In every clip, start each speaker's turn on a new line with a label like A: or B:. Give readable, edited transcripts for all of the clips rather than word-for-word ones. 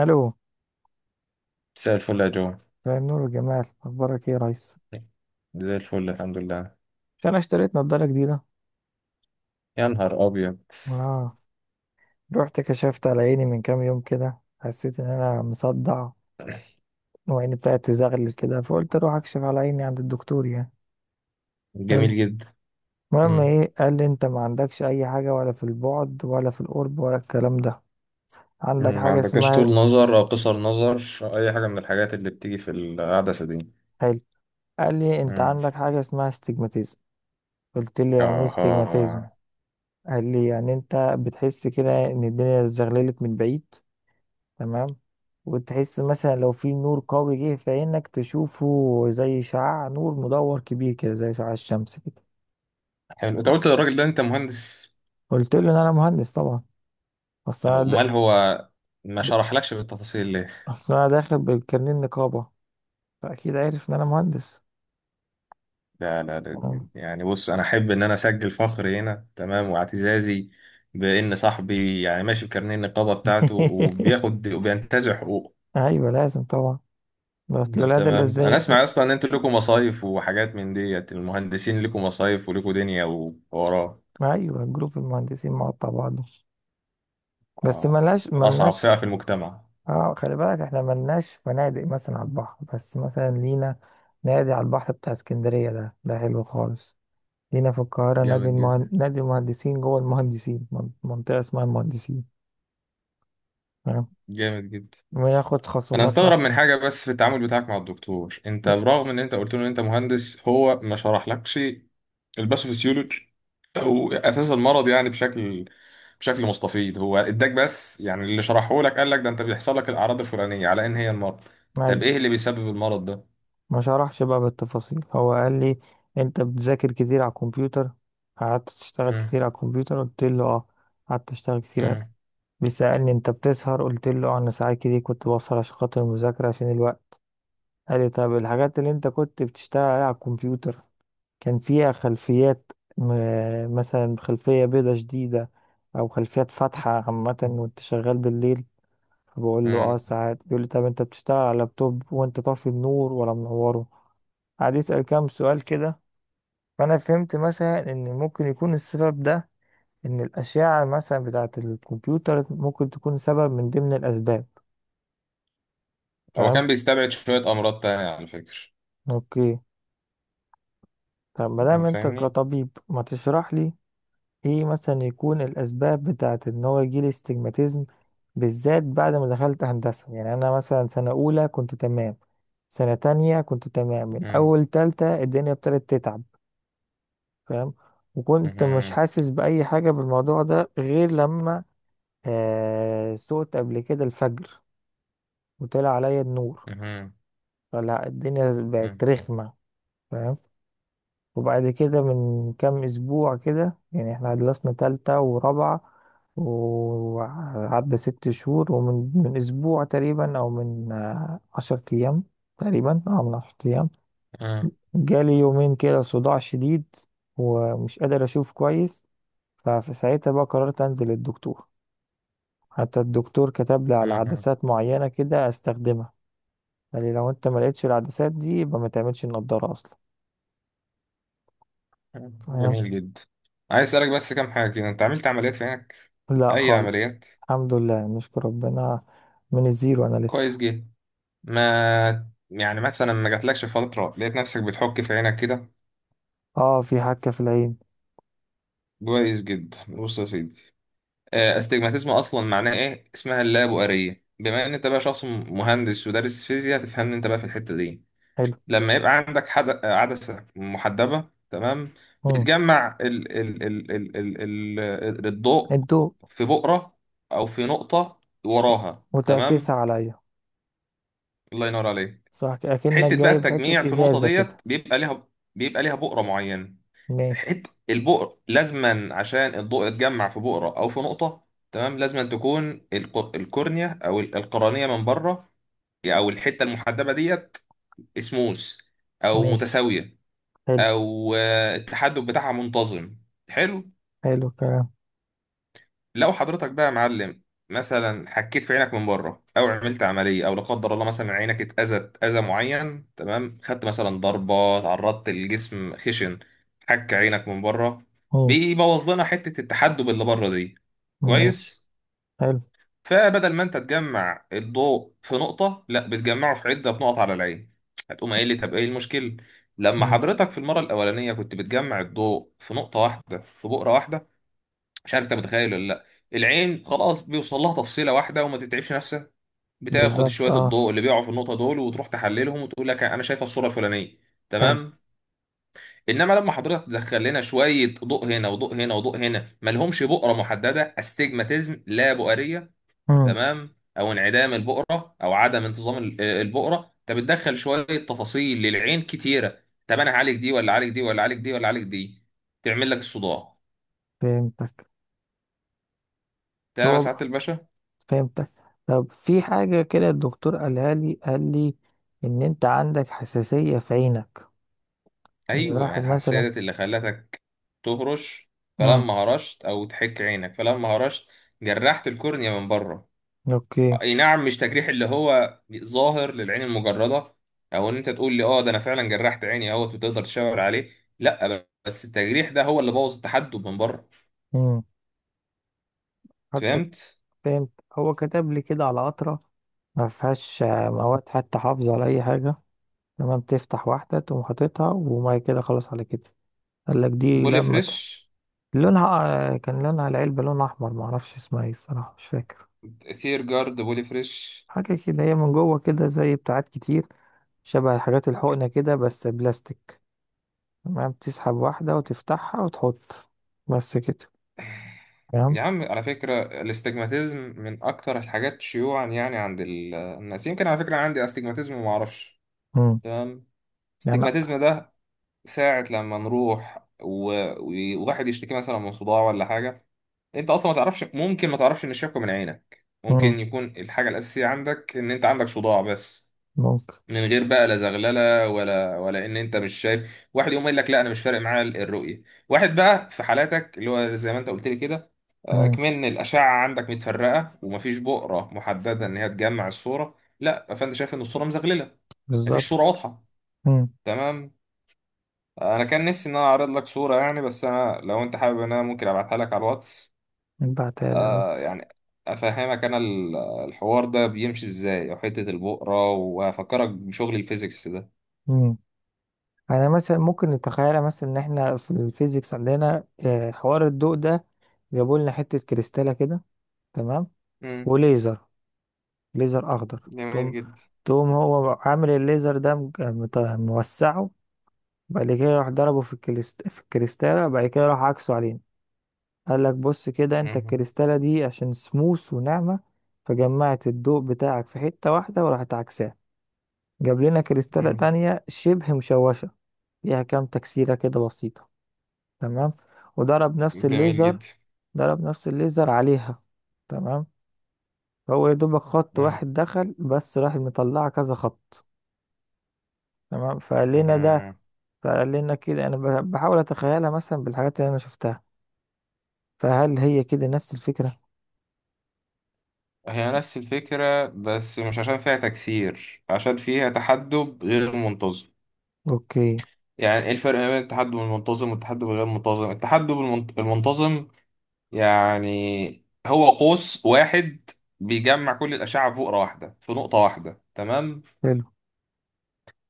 A: الو.
B: مساء الفل يا جو.
A: مساء النور والجمال، اخبارك ايه يا ريس؟
B: زي الفل الحمد لله.
A: مش انا اشتريت نضاره جديده.
B: يا نهار أبيض.
A: اه، رحت كشفت على عيني من كام يوم كده، حسيت ان انا مصدع وعيني بتاعت تزغلل كده، فقلت اروح اكشف على عيني عند الدكتور يعني. حلو.
B: جميل جدا.
A: المهم
B: مم.
A: ايه، قال لي انت ما عندكش اي حاجه ولا في البعد ولا في القرب ولا الكلام ده، عندك
B: مم. ما
A: حاجه
B: عندكش
A: اسمها.
B: طول نظر أو قصر نظر، أو أي حاجة من الحاجات اللي بتيجي في العدسة دي.
A: حلو. قال لي انت
B: مم.
A: عندك حاجه اسمها استجماتيزم. قلت له يعني ايه استجماتيزم؟
B: آها.
A: قال لي يعني انت بتحس كده ان الدنيا زغللت من بعيد، تمام، وتحس مثلا لو في نور قوي جه في عينك تشوفه، زي شعاع نور مدور كبير كده، زي شعاع الشمس كده.
B: حلو، أنت
A: ف-
B: قلت للراجل ده أنت مهندس؟
A: قلت له ان انا مهندس طبعا. اصل
B: أهو،
A: انا د...
B: أمال هو ما
A: د-
B: شرحلكش بالتفاصيل ليه؟
A: اصل انا داخل بالكارنيه النقابه، فاكيد عارف ان انا مهندس.
B: لا لا
A: آه.
B: لا، يعني بص، أنا أحب إن أنا أسجل فخري هنا، تمام، واعتزازي بإن صاحبي يعني ماشي بكارنيه النقابة بتاعته وبياخد وبينتزع حقوقه.
A: ايوه لازم طبعا. ده اصل الولاد اللي
B: تمام، انا
A: ازاي.
B: اسمع اصلا ان انتوا لكم مصايف وحاجات، من ديت المهندسين لكم مصايف ولكم دنيا ووراه.
A: ايوه، جروب المهندسين مقطع بعضه، بس
B: آه،
A: ملناش
B: اصعب
A: ملناش
B: فئة في المجتمع.
A: اه، خلي بالك احنا ملناش فنادق مثلا على البحر، بس مثلا لينا نادي على البحر بتاع اسكندرية، ده حلو خالص. لينا في القاهرة
B: جامد جدا.
A: نادي المهندسين، جوه المهندسين، منطقة اسمها المهندسين. تمام،
B: جامد جدا.
A: بناخد
B: انا
A: خصومات
B: استغرب من
A: مثلا.
B: حاجه بس في التعامل بتاعك مع الدكتور، انت برغم ان انت قلت له ان انت مهندس هو ما شرحلكش الباثوفيسيولوجي او اساس المرض يعني بشكل مستفيض. هو اداك بس يعني اللي شرحه لك، قال لك ده انت بيحصل لك الاعراض الفلانيه على ان هي المرض. طب
A: ايوه،
B: ايه اللي بيسبب المرض ده؟
A: ما شرحش بقى بالتفاصيل. هو قال لي انت بتذاكر كتير على الكمبيوتر، قعدت تشتغل
B: مم.
A: كتير على الكمبيوتر، قلت له اه، قعدت اشتغل كتير.
B: مم.
A: بيسألني انت بتسهر، قلت له اه، انا ساعات كتير كنت بسهر عشان خاطر المذاكرة، عشان الوقت. قال لي طب الحاجات اللي انت كنت بتشتغل عليها على الكمبيوتر كان فيها خلفيات، مثلا خلفية بيضة شديدة، او خلفيات فاتحة عامة وانت شغال بالليل. فبقول له اه
B: مم.
A: ساعات. بيقول لي طب انت بتشتغل على لابتوب وانت طافي النور ولا منوره. قعد يسأل كام سؤال كده. فانا فهمت مثلا ان ممكن يكون السبب ده، ان الاشعة مثلا بتاعة الكمبيوتر ممكن تكون سبب من ضمن الاسباب.
B: هو
A: فاهم.
B: كان بيستبعد شوية أمراض تانية على فكرة.
A: اوكي، طب ما دام انت
B: فاهمني؟
A: كطبيب ما تشرح لي ايه مثلا يكون الاسباب بتاعت ان هو يجيلي استجماتيزم، بالذات بعد ما دخلت هندسة. يعني انا مثلا سنة اولى كنت تمام، سنة تانية كنت تمام، من
B: أم،
A: اول تالتة الدنيا ابتدت تتعب. فاهم، وكنت مش
B: أم،
A: حاسس بأي حاجة بالموضوع ده غير لما سقت قبل كده الفجر، وطلع عليا النور،
B: أم،
A: فلا الدنيا
B: أم،
A: بقت رخمة. فاهم. وبعد كده من كام اسبوع كده، يعني احنا خلصنا تالتة ورابعة وعدى ست شهور، ومن اسبوع تقريبا، او من عشر ايام تقريبا، اه من عشر ايام، جالي يومين كده صداع شديد ومش قادر اشوف كويس. ففي ساعتها بقى قررت انزل للدكتور. حتى الدكتور كتب لي
B: أم،
A: على
B: أم.
A: عدسات معينة كده استخدمها. قال لي لو انت ما لقيتش العدسات دي يبقى ما تعملش النضارة اصلا.
B: جميل جدا. عايز أسألك بس كام حاجة كده، أنت عملت عمليات في عينك؟
A: لا
B: أي
A: خالص،
B: عمليات؟
A: الحمد لله نشكر ربنا، من الزيرو انا
B: كويس
A: لسه.
B: جدا. ما يعني مثلا ما جاتلكش فترة لقيت نفسك بتحك في عينك كده؟
A: اه، في حكة في العين.
B: كويس جدا. بص يا سيدي، استجماتيزم أصلا معناه إيه؟ اسمها اللابؤرية، بما إن أنت بقى شخص مهندس ودارس فيزياء تفهمني أنت بقى في الحتة دي.
A: حلو.
B: لما يبقى عندك عدسة محدبة تمام
A: امم
B: بتجمع الضوء
A: الضوء.
B: في بؤرة أو في نقطة وراها، تمام.
A: وتعكسها عليا.
B: الله ينور عليك.
A: صح، اكنك
B: حتة بقى
A: جايب
B: التجميع
A: حتة
B: في النقطة
A: ازازة
B: ديت
A: كده.
B: بيبقى ليها بؤرة معينة.
A: ماشي.
B: حتة البؤر لازما، عشان الضوء يتجمع في بؤرة أو في نقطة تمام، لازما تكون القرنية أو القرنية من بره، أو الحتة المحدبة ديت اسموس أو
A: ماشي.
B: متساوية،
A: حلو.
B: او التحدث بتاعها منتظم. حلو.
A: حلو كلام.
B: لو حضرتك بقى يا معلم مثلا حكيت في عينك من بره، او عملت عمليه، او لا قدر الله مثلا عينك اتاذت اذى معين، تمام، خدت مثلا ضربه، تعرضت للجسم خشن، حك عينك من بره،
A: امم
B: بيبوظ لنا حته التحدب اللي بره دي.
A: ماشي.
B: كويس.
A: حلو.
B: فبدل ما انت تجمع الضوء في نقطة، لا، بتجمعه في عدة نقط على العين. هتقوم قايل لي طب ايه المشكلة؟ لما
A: امم
B: حضرتك في المرة الأولانية كنت بتجمع الضوء في نقطة واحدة، في بؤرة واحدة، مش عارف انت متخيل ولا لا، العين خلاص بيوصل لها تفصيلة واحدة وما تتعبش نفسها، بتاخد
A: بالظبط،
B: شوية
A: اه.
B: الضوء اللي بيقعوا في النقطة دول وتروح تحللهم وتقول لك انا شايفة الصورة الفلانية،
A: حلو.
B: تمام. انما لما حضرتك تدخل لنا شويه ضوء هنا وضوء هنا وضوء هنا ملهمش بؤره محدده، استجماتيزم لا بؤريه،
A: امم
B: تمام، او انعدام البقره، او عدم انتظام البقره، انت بتدخل شويه تفاصيل للعين كتيره، طب انا هعالج دي ولا اعالج دي ولا اعالج دي ولا اعالج دي، تعمل لك الصداع.
A: فهمتك.
B: تمام يا
A: هو
B: سعاده الباشا.
A: فهمتك. طب في حاجة كده الدكتور قالها لي، قال لي ان انت عندك حساسية في عينك. يعني
B: ايوه، ما هي
A: واحد
B: الحساسيه
A: مثلا.
B: ديت اللي خلتك تهرش،
A: امم
B: فلما هرشت او تحك عينك فلما هرشت جرحت الكورنيا من بره.
A: اوكي.
B: اي نعم، مش تجريح اللي هو ظاهر للعين المجرده، او ان انت تقول لي اه ده انا فعلا جرحت عيني اهوت وتقدر تشاور عليه، لا، بس التجريح ده هو اللي بوظ التحدب من بره.
A: مم. حتى
B: فهمت؟
A: فهمت. هو كتب لي كده على قطرة ما فيهاش مواد حتى حافظة ولا أي حاجة. تمام، تفتح واحدة تقوم حاططها وما كده خلاص على كده. قال لك دي
B: بولي
A: لمتها،
B: فريش.
A: لونها، كان لونها العلبة لون أحمر، معرفش اسمها ايه الصراحة مش فاكر.
B: ثير جارد بولي فريش.
A: حاجة كده هي من جوه كده زي بتاعات كتير، شبه حاجات الحقنة كده بس بلاستيك. تمام، تسحب واحدة وتفتحها وتحط. بس كده. تمام.
B: يا عم على فكرة الاستجماتيزم من أكتر الحاجات شيوعا يعني عند الناس، يمكن على فكرة عندي استجماتيزم وما أعرفش،
A: مم.
B: تمام.
A: يعني.
B: الاستجماتيزم ده ساعة لما نروح وواحد يشتكي مثلا من صداع ولا حاجة، أنت أصلا ما تعرفش، ممكن ما تعرفش إن الشكوى من عينك
A: مم.
B: ممكن يكون الحاجة الأساسية عندك، إن أنت عندك صداع بس،
A: ممكن.
B: من غير بقى لا زغلله ولا ولا ان انت مش شايف. واحد يقوم يقول لك لا انا مش فارق معايا الرؤيه، واحد بقى في حالاتك اللي هو زي ما انت قلت لي كده،
A: مم.
B: كمان الاشعه عندك متفرقه ومفيش بؤره محدده ان هي تجمع الصوره، لا، فانت شايف ان الصوره مزغلله، مفيش صوره
A: بالظبط.
B: واضحه،
A: مم.
B: تمام. انا كان نفسي ان انا اعرض لك صوره يعني، بس انا لو انت حابب ان انا ممكن ابعتها لك على الواتس.
A: ابعتها لي على الواتس.
B: يعني افهمك انا الحوار ده بيمشي ازاي، وحته البؤره، وافكرك بشغل الفيزيكس ده.
A: مم. انا مثلا ممكن نتخيل مثلا ان احنا في الفيزيكس عندنا حوار الضوء ده، جابوا لنا حته كريستاله كده. تمام،
B: مم.
A: وليزر، ليزر اخضر.
B: جميل
A: تقوم
B: جدا.
A: تقوم هو عامل الليزر ده موسعه، بعد كده راح ضربه في الكريستاله، بعد كده راح عكسه علينا. قال لك بص كده انت
B: مم.
A: الكريستاله دي عشان سموث وناعمه، فجمعت الضوء بتاعك في حته واحده وراحت عكساه. جاب لنا كريستاله
B: مم.
A: تانية شبه مشوشه فيها كام تكسيره كده بسيطه. تمام، وضرب نفس
B: جميل
A: الليزر،
B: جدا.
A: عليها. تمام، فهو يا دوبك خط
B: مم.
A: واحد دخل بس راح مطلع كذا خط. تمام،
B: مم.
A: فقال لنا كده انا بحاول اتخيلها مثلا بالحاجات اللي انا شفتها، فهل هي كده نفس الفكرة؟
B: هي نفس الفكرة، بس مش عشان فيها تكسير، عشان فيها تحدب غير منتظم.
A: اوكي.
B: يعني ايه الفرق ما بين التحدب المنتظم والتحدب الغير منتظم؟ التحدب المنتظم يعني هو قوس واحد بيجمع كل الأشعة في فقرة واحدة، في نقطة واحدة، تمام.
A: حلو.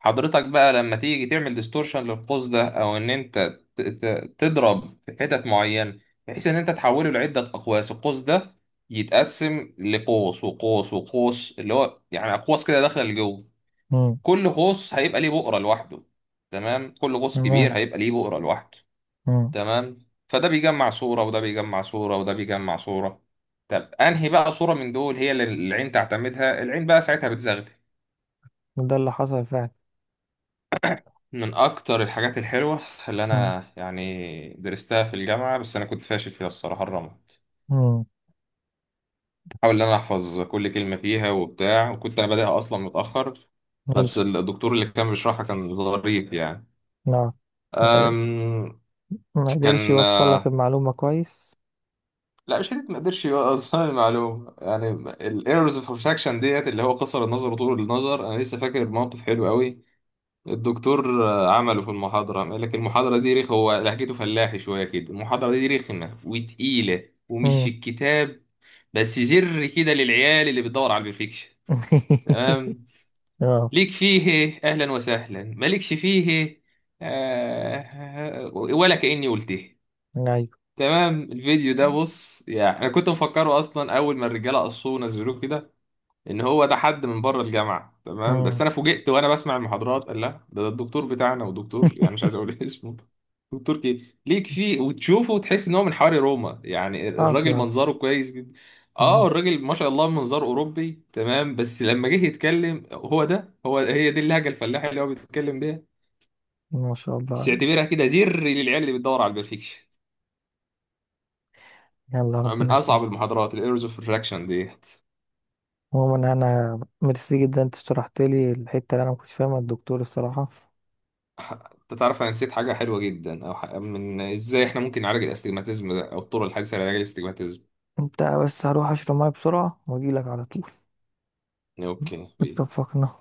B: حضرتك بقى لما تيجي تعمل ديستورشن للقوس ده، او ان انت تضرب في حتت معينه، بحيث ان انت تحوله لعده اقواس، القوس ده يتقسم لقوس وقوس وقوس، اللي هو يعني اقواس كده داخله لجوه،
A: مم.
B: كل قوس هيبقى ليه بؤره لوحده، تمام، كل قوس كبير
A: تمام.
B: هيبقى ليه بؤره لوحده،
A: مم.
B: تمام، فده بيجمع صوره وده بيجمع صوره وده بيجمع صوره. طب انهي بقى صوره من دول هي اللي العين تعتمدها؟ العين بقى ساعتها بتزغلل.
A: وده اللي حصل فعلا.
B: من أكتر الحاجات الحلوة اللي
A: مم.
B: أنا يعني درستها في الجامعة، بس أنا كنت فاشل فيها الصراحة، الرمد.
A: مم.
B: بحاول إن أنا أحفظ كل كلمة فيها وبتاع، وكنت أنا بادئها أصلا متأخر،
A: حلو.
B: بس الدكتور اللي كان بيشرحها كان ظريف يعني.
A: نعم. ما
B: أم،
A: ما قدرش
B: كان
A: يوصل لك المعلومة كويس.
B: لا، مش حته ما قدرش يوصل المعلومه يعني. الايرورز اوف ريفراكشن ديت، اللي هو قصر النظر وطول النظر، انا لسه فاكر موقف حلو قوي الدكتور عمله في المحاضرة. قال لك المحاضرة دي رخ، هو لهجته فلاحي شوية كده، المحاضرة دي رخمة وتقيلة ومش في
A: مم.
B: الكتاب، بس زر كده للعيال اللي بتدور على البرفكشن، تمام،
A: اه.
B: ليك فيه أهلا وسهلا، مالكش فيه آه ولا كأني قلته،
A: ايوه.
B: تمام. الفيديو ده بص يعني أنا كنت مفكره أصلا أول ما الرجالة قصوه ونزلوه كده ان هو ده حد من بره الجامعه، تمام، بس
A: مم.
B: انا فوجئت وانا بسمع المحاضرات، قال لا ده الدكتور بتاعنا، ودكتور يعني مش عايز اقول اسمه. دكتور كي ليك فيه وتشوفه وتحس ان هو من حواري روما، يعني الراجل
A: اصلا.
B: منظره كويس جدا، اه
A: مم.
B: الراجل ما شاء الله منظره اوروبي، تمام، بس لما جه يتكلم، هو ده، هو هي دي اللهجه الفلاحي اللي هو بيتكلم بيها.
A: ما شاء الله
B: بس
A: عليك.
B: اعتبرها كده زر للعيال اللي بتدور على البرفكشن،
A: يلا
B: من
A: ربنا
B: اصعب
A: يسامحك.
B: المحاضرات الايرز اوف الراكشن دي.
A: عموما انا ميرسي جدا، انت شرحت لي الحته اللي انا ما كنتش فاهمها الدكتور الصراحه.
B: انت تعرف انا نسيت حاجه حلوه جدا، او ح- من ازاي احنا ممكن نعالج الاستجماتيزم ده، او الطرق الحديثه لعلاج الاستجماتيزم.
A: انت بس هروح اشرب ميه بسرعه واجي لك على طول.
B: اوكي بيه.
A: اتفقنا.